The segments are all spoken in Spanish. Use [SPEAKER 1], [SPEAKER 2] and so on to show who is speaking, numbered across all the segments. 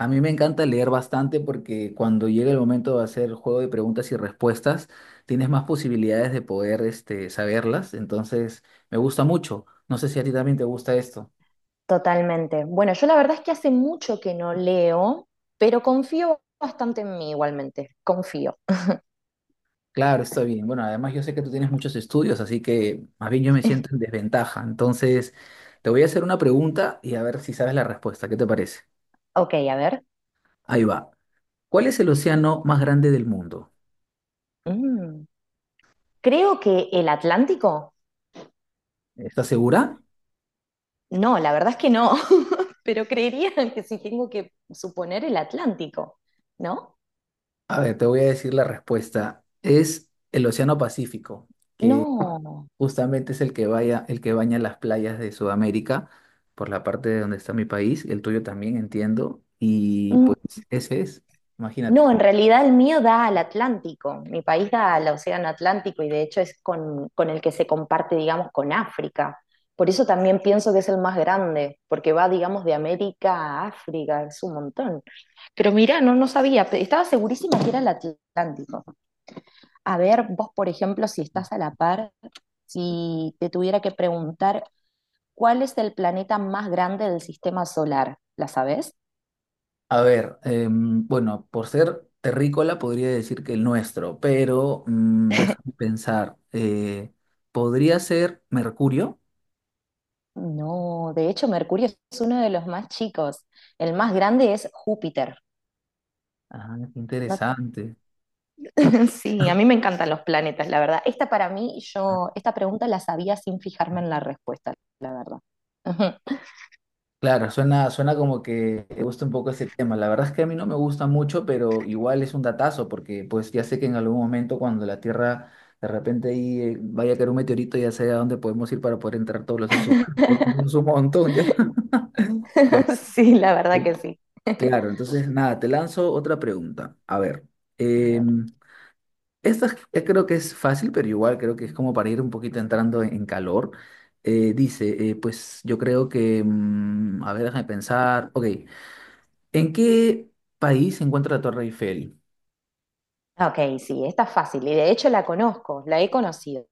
[SPEAKER 1] A mí me encanta leer bastante porque cuando llega el momento de hacer juego de preguntas y respuestas, tienes más posibilidades de poder, saberlas. Entonces, me gusta mucho. No sé si a ti también te gusta esto.
[SPEAKER 2] Totalmente. Bueno, yo la verdad es que hace mucho que no leo, pero confío bastante en mí igualmente. Confío.
[SPEAKER 1] Claro, está bien. Bueno, además yo sé que tú tienes muchos estudios, así que más bien yo me siento en desventaja. Entonces, te voy a hacer una pregunta y a ver si sabes la respuesta. ¿Qué te parece?
[SPEAKER 2] Ok, a ver.
[SPEAKER 1] Ahí va. ¿Cuál es el océano más grande del mundo?
[SPEAKER 2] Mm, creo que el Atlántico.
[SPEAKER 1] ¿Estás segura?
[SPEAKER 2] No, la verdad es que no, pero creería que si tengo que suponer el Atlántico, ¿no?
[SPEAKER 1] A ver, te voy a decir la respuesta. Es el Océano Pacífico que
[SPEAKER 2] No.
[SPEAKER 1] justamente es el que vaya, el que baña las playas de Sudamérica, por la parte de donde está mi país, el tuyo también entiendo, y
[SPEAKER 2] No.
[SPEAKER 1] pues ese es, imagínate.
[SPEAKER 2] No, en realidad el mío da al Atlántico, mi país da al Océano Atlántico y de hecho es con el que se comparte, digamos, con África. Por eso también pienso que es el más grande, porque va, digamos, de América a África, es un montón. Pero mira, no, no sabía, estaba segurísima que era el Atlántico. A ver, vos, por ejemplo, si estás a la par, si te tuviera que preguntar, ¿cuál es el planeta más grande del sistema solar? ¿La sabés?
[SPEAKER 1] A ver, bueno, por ser terrícola podría decir que el nuestro, pero déjame pensar, podría ser Mercurio.
[SPEAKER 2] No, de hecho Mercurio es uno de los más chicos. El más grande es Júpiter.
[SPEAKER 1] Ah, qué
[SPEAKER 2] No-
[SPEAKER 1] interesante.
[SPEAKER 2] Sí, a mí me encantan los planetas, la verdad. Esta para mí, yo, esta pregunta la sabía sin fijarme en la respuesta, la verdad. Ujú.
[SPEAKER 1] Claro, suena como que te gusta un poco ese tema. La verdad es que a mí no me gusta mucho, pero igual es un datazo, porque pues ya sé que en algún momento cuando la Tierra de repente ahí vaya a caer un meteorito, ya sé a dónde podemos ir para poder entrar todos los seres humanos, porque no es un montón ya. Bueno,
[SPEAKER 2] Sí, la verdad
[SPEAKER 1] eh,
[SPEAKER 2] que sí.
[SPEAKER 1] claro, entonces nada, te lanzo otra pregunta. A ver,
[SPEAKER 2] A
[SPEAKER 1] eh,
[SPEAKER 2] ver.
[SPEAKER 1] creo que es fácil, pero igual creo que es como para ir un poquito entrando en calor. Dice, pues yo creo que, a ver, déjame pensar, ok. ¿En qué país se encuentra la Torre Eiffel?
[SPEAKER 2] Ah, Ok, sí, esta es fácil y de hecho la conozco, la he conocido.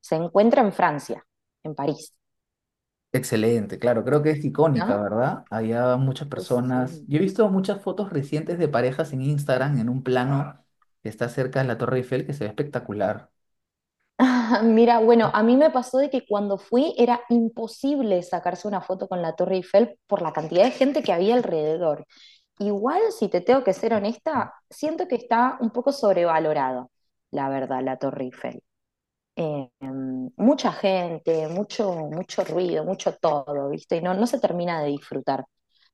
[SPEAKER 2] Se encuentra en Francia, en París,
[SPEAKER 1] Excelente, claro, creo que es icónica,
[SPEAKER 2] ¿no?
[SPEAKER 1] ¿verdad? Había muchas personas.
[SPEAKER 2] Sí.
[SPEAKER 1] Yo he visto muchas fotos recientes de parejas en Instagram en un plano que está cerca de la Torre Eiffel que se ve espectacular.
[SPEAKER 2] Ah, Mira, bueno, a mí me pasó de que cuando fui era imposible sacarse una foto con la Torre Eiffel por la cantidad de gente que había alrededor. Igual, si te tengo que ser honesta, siento que está un poco sobrevalorada, la verdad, la Torre Eiffel. Em, mucha gente, mucho, mucho ruido, mucho todo, ¿viste? Y no, no se termina de disfrutar.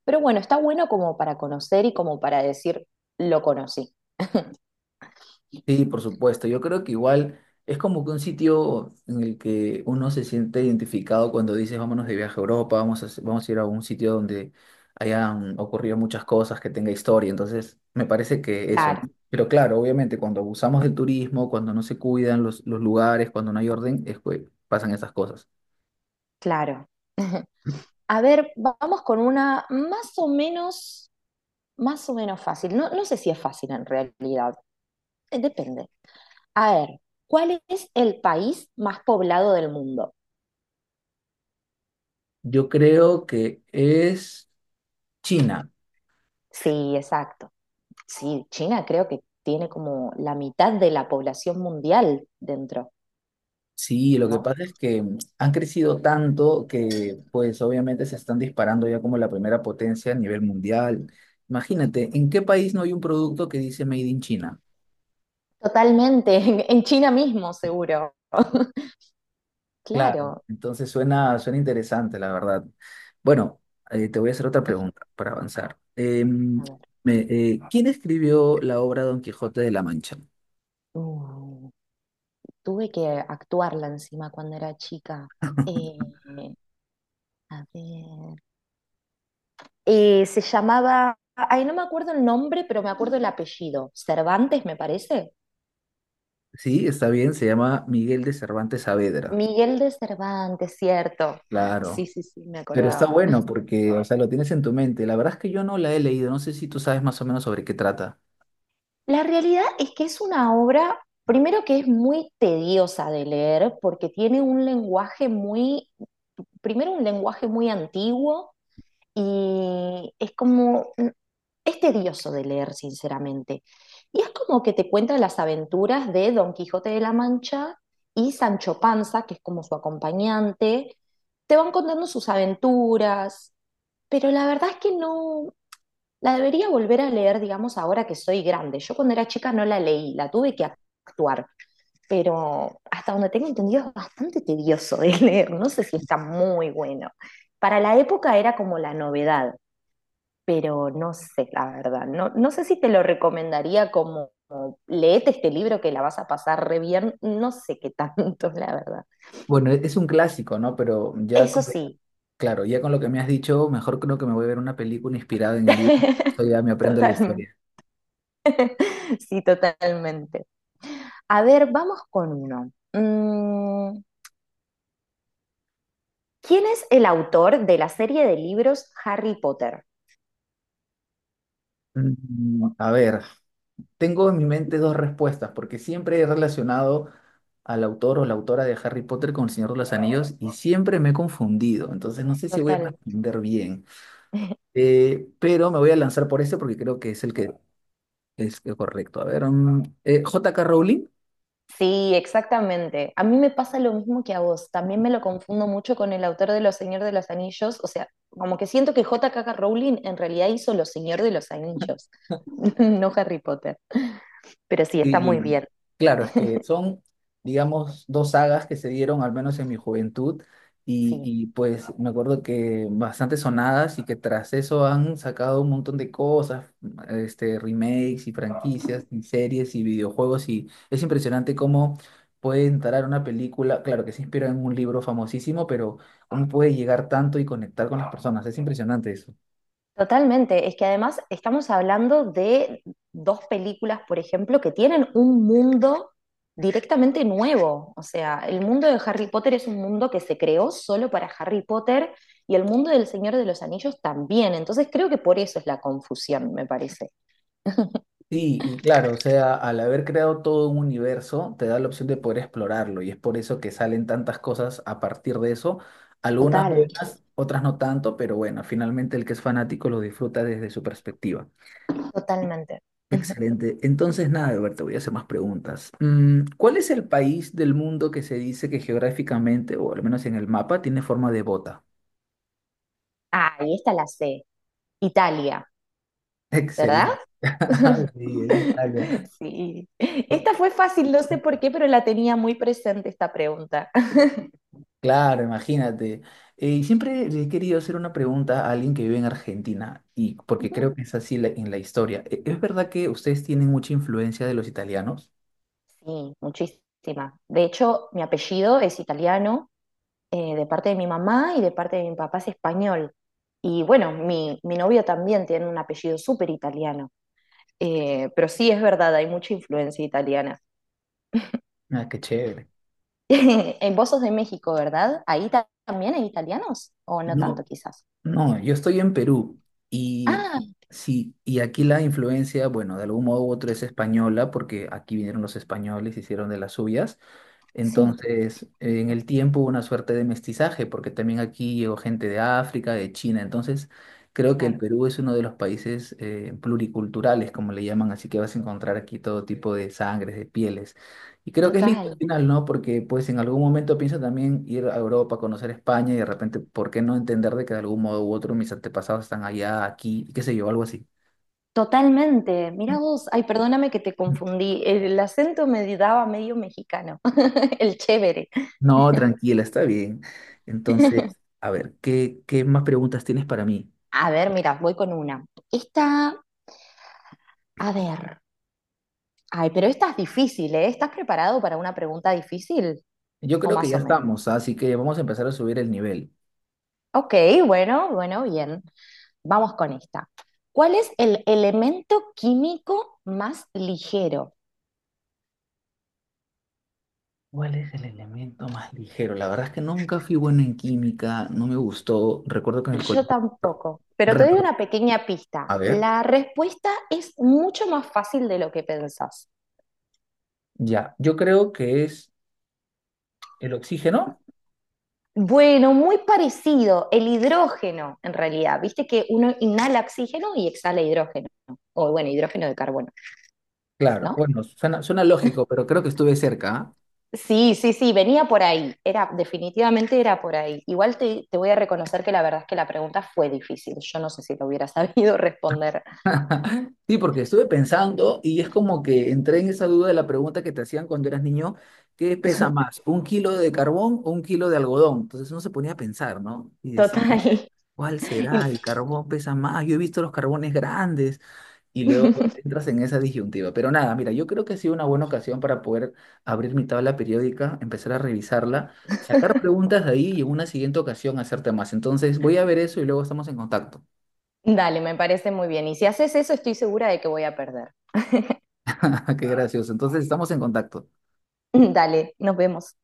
[SPEAKER 2] Pero bueno, está bueno como para conocer y como para decir, lo conocí.
[SPEAKER 1] Sí, por supuesto. Yo creo que igual es como que un sitio en el que uno se siente identificado cuando dices vámonos de viaje a Europa, vamos a ir a un sitio donde hayan ocurrido muchas cosas, que tenga historia. Entonces, me parece que eso, ¿no?
[SPEAKER 2] Claro,
[SPEAKER 1] Pero claro, obviamente cuando abusamos del turismo, cuando no se cuidan los lugares, cuando no hay orden, es que pasan esas cosas.
[SPEAKER 2] claro. A ver, vamos con una más o menos fácil. No, no sé si es fácil en realidad. Depende. A ver, ¿cuál es el país más poblado del mundo?
[SPEAKER 1] Yo creo que es China.
[SPEAKER 2] Sí, exacto. Sí, China creo que tiene como la mitad de la población mundial dentro,
[SPEAKER 1] Sí, lo que
[SPEAKER 2] ¿no?
[SPEAKER 1] pasa es que han crecido tanto que pues obviamente se están disparando ya como la primera potencia a nivel mundial. Imagínate, ¿en qué país no hay un producto que dice Made in China?
[SPEAKER 2] Totalmente, en China mismo seguro.
[SPEAKER 1] Claro,
[SPEAKER 2] Claro.
[SPEAKER 1] entonces suena interesante, la verdad. Bueno, te voy a hacer otra pregunta para avanzar.
[SPEAKER 2] A ver.
[SPEAKER 1] ¿Quién escribió la obra Don Quijote de la Mancha?
[SPEAKER 2] Uh, tuve que actuarla encima cuando era chica. Eh, a ver. Se llamaba, ay, no me acuerdo el nombre, pero me acuerdo el apellido. Cervantes, me parece.
[SPEAKER 1] Sí, está bien, se llama Miguel de Cervantes Saavedra.
[SPEAKER 2] Miguel de Cervantes, cierto. Sí,
[SPEAKER 1] Claro.
[SPEAKER 2] sí, sí, me
[SPEAKER 1] Pero está
[SPEAKER 2] acordaba.
[SPEAKER 1] bueno porque, o sea, lo tienes en tu mente. La verdad es que yo no la he leído, no sé si tú sabes más o menos sobre qué trata.
[SPEAKER 2] La realidad es que es una obra, primero que es muy tediosa de leer, porque tiene un lenguaje muy, primero un lenguaje muy antiguo y es como, es tedioso de leer, sinceramente. Y es como que te cuenta las aventuras de Don Quijote de la Mancha y Sancho Panza, que es como su acompañante. Te van contando sus aventuras, pero la verdad es que no la debería volver a leer, digamos, ahora que soy grande. Yo cuando era chica no la leí, la tuve que actuar, pero hasta donde tengo entendido es bastante tedioso de leer, no sé si está muy bueno. Para la época era como la novedad, pero no sé, la verdad. No, no sé si te lo recomendaría como, como, leete este libro que la vas a pasar re bien. No sé qué tanto, la verdad.
[SPEAKER 1] Bueno, es un clásico, ¿no? Pero ya,
[SPEAKER 2] Eso sí.
[SPEAKER 1] claro, ya con lo que me has dicho, mejor creo que me voy a ver una película inspirada en el libro. Eso ya me aprendo la
[SPEAKER 2] Totalmente.
[SPEAKER 1] historia.
[SPEAKER 2] Sí, totalmente. A ver, vamos con uno. Mm, ¿quién es el autor de la serie de libros Harry Potter?
[SPEAKER 1] A ver, tengo en mi mente dos respuestas, porque siempre he relacionado al autor o la autora de Harry Potter con El Señor de los Anillos y siempre me he confundido, entonces no sé si voy a
[SPEAKER 2] Total.
[SPEAKER 1] responder bien. Pero me voy a lanzar por ese porque creo que es el que. Es que correcto. A ver, J.K. Rowling.
[SPEAKER 2] Sí, exactamente. A mí me pasa lo mismo que a vos. También me lo confundo mucho con el autor de Los Señor de los Anillos. O sea, como que siento que J.K. Rowling en realidad hizo Los Señor de los Anillos, no Harry Potter. Pero sí, está muy
[SPEAKER 1] Sí,
[SPEAKER 2] bien.
[SPEAKER 1] claro, es que son, digamos, dos sagas que se dieron al menos en mi juventud y,
[SPEAKER 2] Sí.
[SPEAKER 1] y, pues me acuerdo que bastante sonadas y que tras eso han sacado un montón de cosas, remakes y franquicias y series y videojuegos y es impresionante cómo puede entrar una película, claro que se inspira en un libro famosísimo, pero cómo puede llegar tanto y conectar con las personas, es impresionante eso.
[SPEAKER 2] Totalmente, es que además estamos hablando de dos películas, por ejemplo, que tienen un mundo directamente nuevo. O sea, el mundo de Harry Potter es un mundo que se creó solo para Harry Potter y el mundo del Señor de los Anillos también. Entonces creo que por eso es la confusión, me parece.
[SPEAKER 1] Sí, y claro, o sea, al haber creado todo un universo, te da la opción de poder explorarlo y es por eso que salen tantas cosas a partir de eso, algunas
[SPEAKER 2] Total.
[SPEAKER 1] buenas, otras no tanto, pero bueno, finalmente el que es fanático lo disfruta desde su perspectiva.
[SPEAKER 2] Totalmente.
[SPEAKER 1] Excelente. Entonces, nada, Alberto, te voy a hacer más preguntas. ¿Cuál es el país del mundo que se dice que geográficamente, o al menos en el mapa, tiene forma de bota?
[SPEAKER 2] Ah, y esta la sé. Italia, ¿verdad?
[SPEAKER 1] Excelente. Sí, es Italia.
[SPEAKER 2] Sí. Esta fue fácil, no sé por qué, pero la tenía muy presente esta pregunta.
[SPEAKER 1] Claro, imagínate. Y siempre le he querido hacer una pregunta a alguien que vive en Argentina, y porque creo que es así en la historia. ¿Es verdad que ustedes tienen mucha influencia de los italianos?
[SPEAKER 2] Sí, muchísima. De hecho, mi apellido es italiano, de parte de mi mamá y de parte de mi papá es español. Y bueno, mi novio también tiene un apellido súper italiano. Pero sí, es verdad, hay mucha influencia italiana.
[SPEAKER 1] Ah, qué chévere.
[SPEAKER 2] En vos sos de México, ¿verdad? ¿Ahí también hay italianos? ¿O no tanto,
[SPEAKER 1] No,
[SPEAKER 2] quizás?
[SPEAKER 1] no, yo estoy en Perú y
[SPEAKER 2] Ah,
[SPEAKER 1] sí, y aquí la influencia, bueno, de algún modo u otro es española, porque aquí vinieron los españoles, hicieron de las suyas.
[SPEAKER 2] sí,
[SPEAKER 1] Entonces, en el tiempo hubo una suerte de mestizaje, porque también aquí llegó gente de África, de China. Entonces, creo que el
[SPEAKER 2] claro.
[SPEAKER 1] Perú es uno de los países pluriculturales, como le llaman, así que vas a encontrar aquí todo tipo de sangres, de pieles. Y creo que es lindo
[SPEAKER 2] Total,
[SPEAKER 1] al final, ¿no? Porque pues en algún momento pienso también ir a Europa, conocer España y de repente, ¿por qué no entender de que de algún modo u otro mis antepasados están allá, aquí, y qué sé yo, algo así?
[SPEAKER 2] totalmente. Mira vos, ay, perdóname que te confundí. El acento me daba medio mexicano, el chévere.
[SPEAKER 1] No, tranquila, está bien. Entonces, a ver, ¿qué más preguntas tienes para mí?
[SPEAKER 2] A ver, mira, voy con una. Esta, a ver. Ay, pero esta es difícil, ¿eh? ¿Estás preparado para una pregunta difícil?
[SPEAKER 1] Yo
[SPEAKER 2] O
[SPEAKER 1] creo que
[SPEAKER 2] más
[SPEAKER 1] ya
[SPEAKER 2] o
[SPEAKER 1] estamos,
[SPEAKER 2] menos.
[SPEAKER 1] ¿ah?, así que vamos a empezar a subir el nivel.
[SPEAKER 2] Ok, bueno, bueno, bien. Vamos con esta. ¿Cuál es el elemento químico más ligero?
[SPEAKER 1] ¿Cuál es el elemento más ligero? La verdad es que nunca fui bueno en química, no me gustó. Recuerdo que en el
[SPEAKER 2] Yo
[SPEAKER 1] colegio...
[SPEAKER 2] tampoco, pero te doy
[SPEAKER 1] repro-
[SPEAKER 2] una pequeña pista.
[SPEAKER 1] A ver,
[SPEAKER 2] La respuesta es mucho más fácil de lo que pensás.
[SPEAKER 1] ya. Yo creo que es el oxígeno.
[SPEAKER 2] Bueno, muy parecido, el hidrógeno en realidad, viste que uno inhala oxígeno y exhala hidrógeno, o bueno, hidrógeno de carbono,
[SPEAKER 1] Claro,
[SPEAKER 2] ¿no?
[SPEAKER 1] bueno, suena lógico, pero creo que estuve cerca, ¿ah?
[SPEAKER 2] Sí, sí, sí, venía por ahí, era, definitivamente era por ahí. Igual te voy a reconocer que la verdad es que la pregunta fue difícil, yo no sé si lo hubiera sabido responder
[SPEAKER 1] Sí, porque estuve pensando y es como que entré en esa duda de la pregunta que te hacían cuando eras niño, ¿qué pesa más, un kilo de carbón o un kilo de algodón? Entonces uno se ponía a pensar, ¿no? Y decía,
[SPEAKER 2] total.
[SPEAKER 1] ¿cuál
[SPEAKER 2] Y-
[SPEAKER 1] será? El carbón pesa más. Yo he visto los carbones grandes y luego entras en esa disyuntiva. Pero nada, mira, yo creo que ha sido una buena ocasión para poder abrir mi tabla periódica, empezar a revisarla, sacar preguntas de ahí y en una siguiente ocasión hacerte más. Entonces voy a ver eso y luego estamos en contacto.
[SPEAKER 2] Dale, me parece muy bien, y si haces eso estoy segura de que voy a perder.
[SPEAKER 1] Qué gracioso. Entonces estamos en contacto.
[SPEAKER 2] Dale, nos vemos.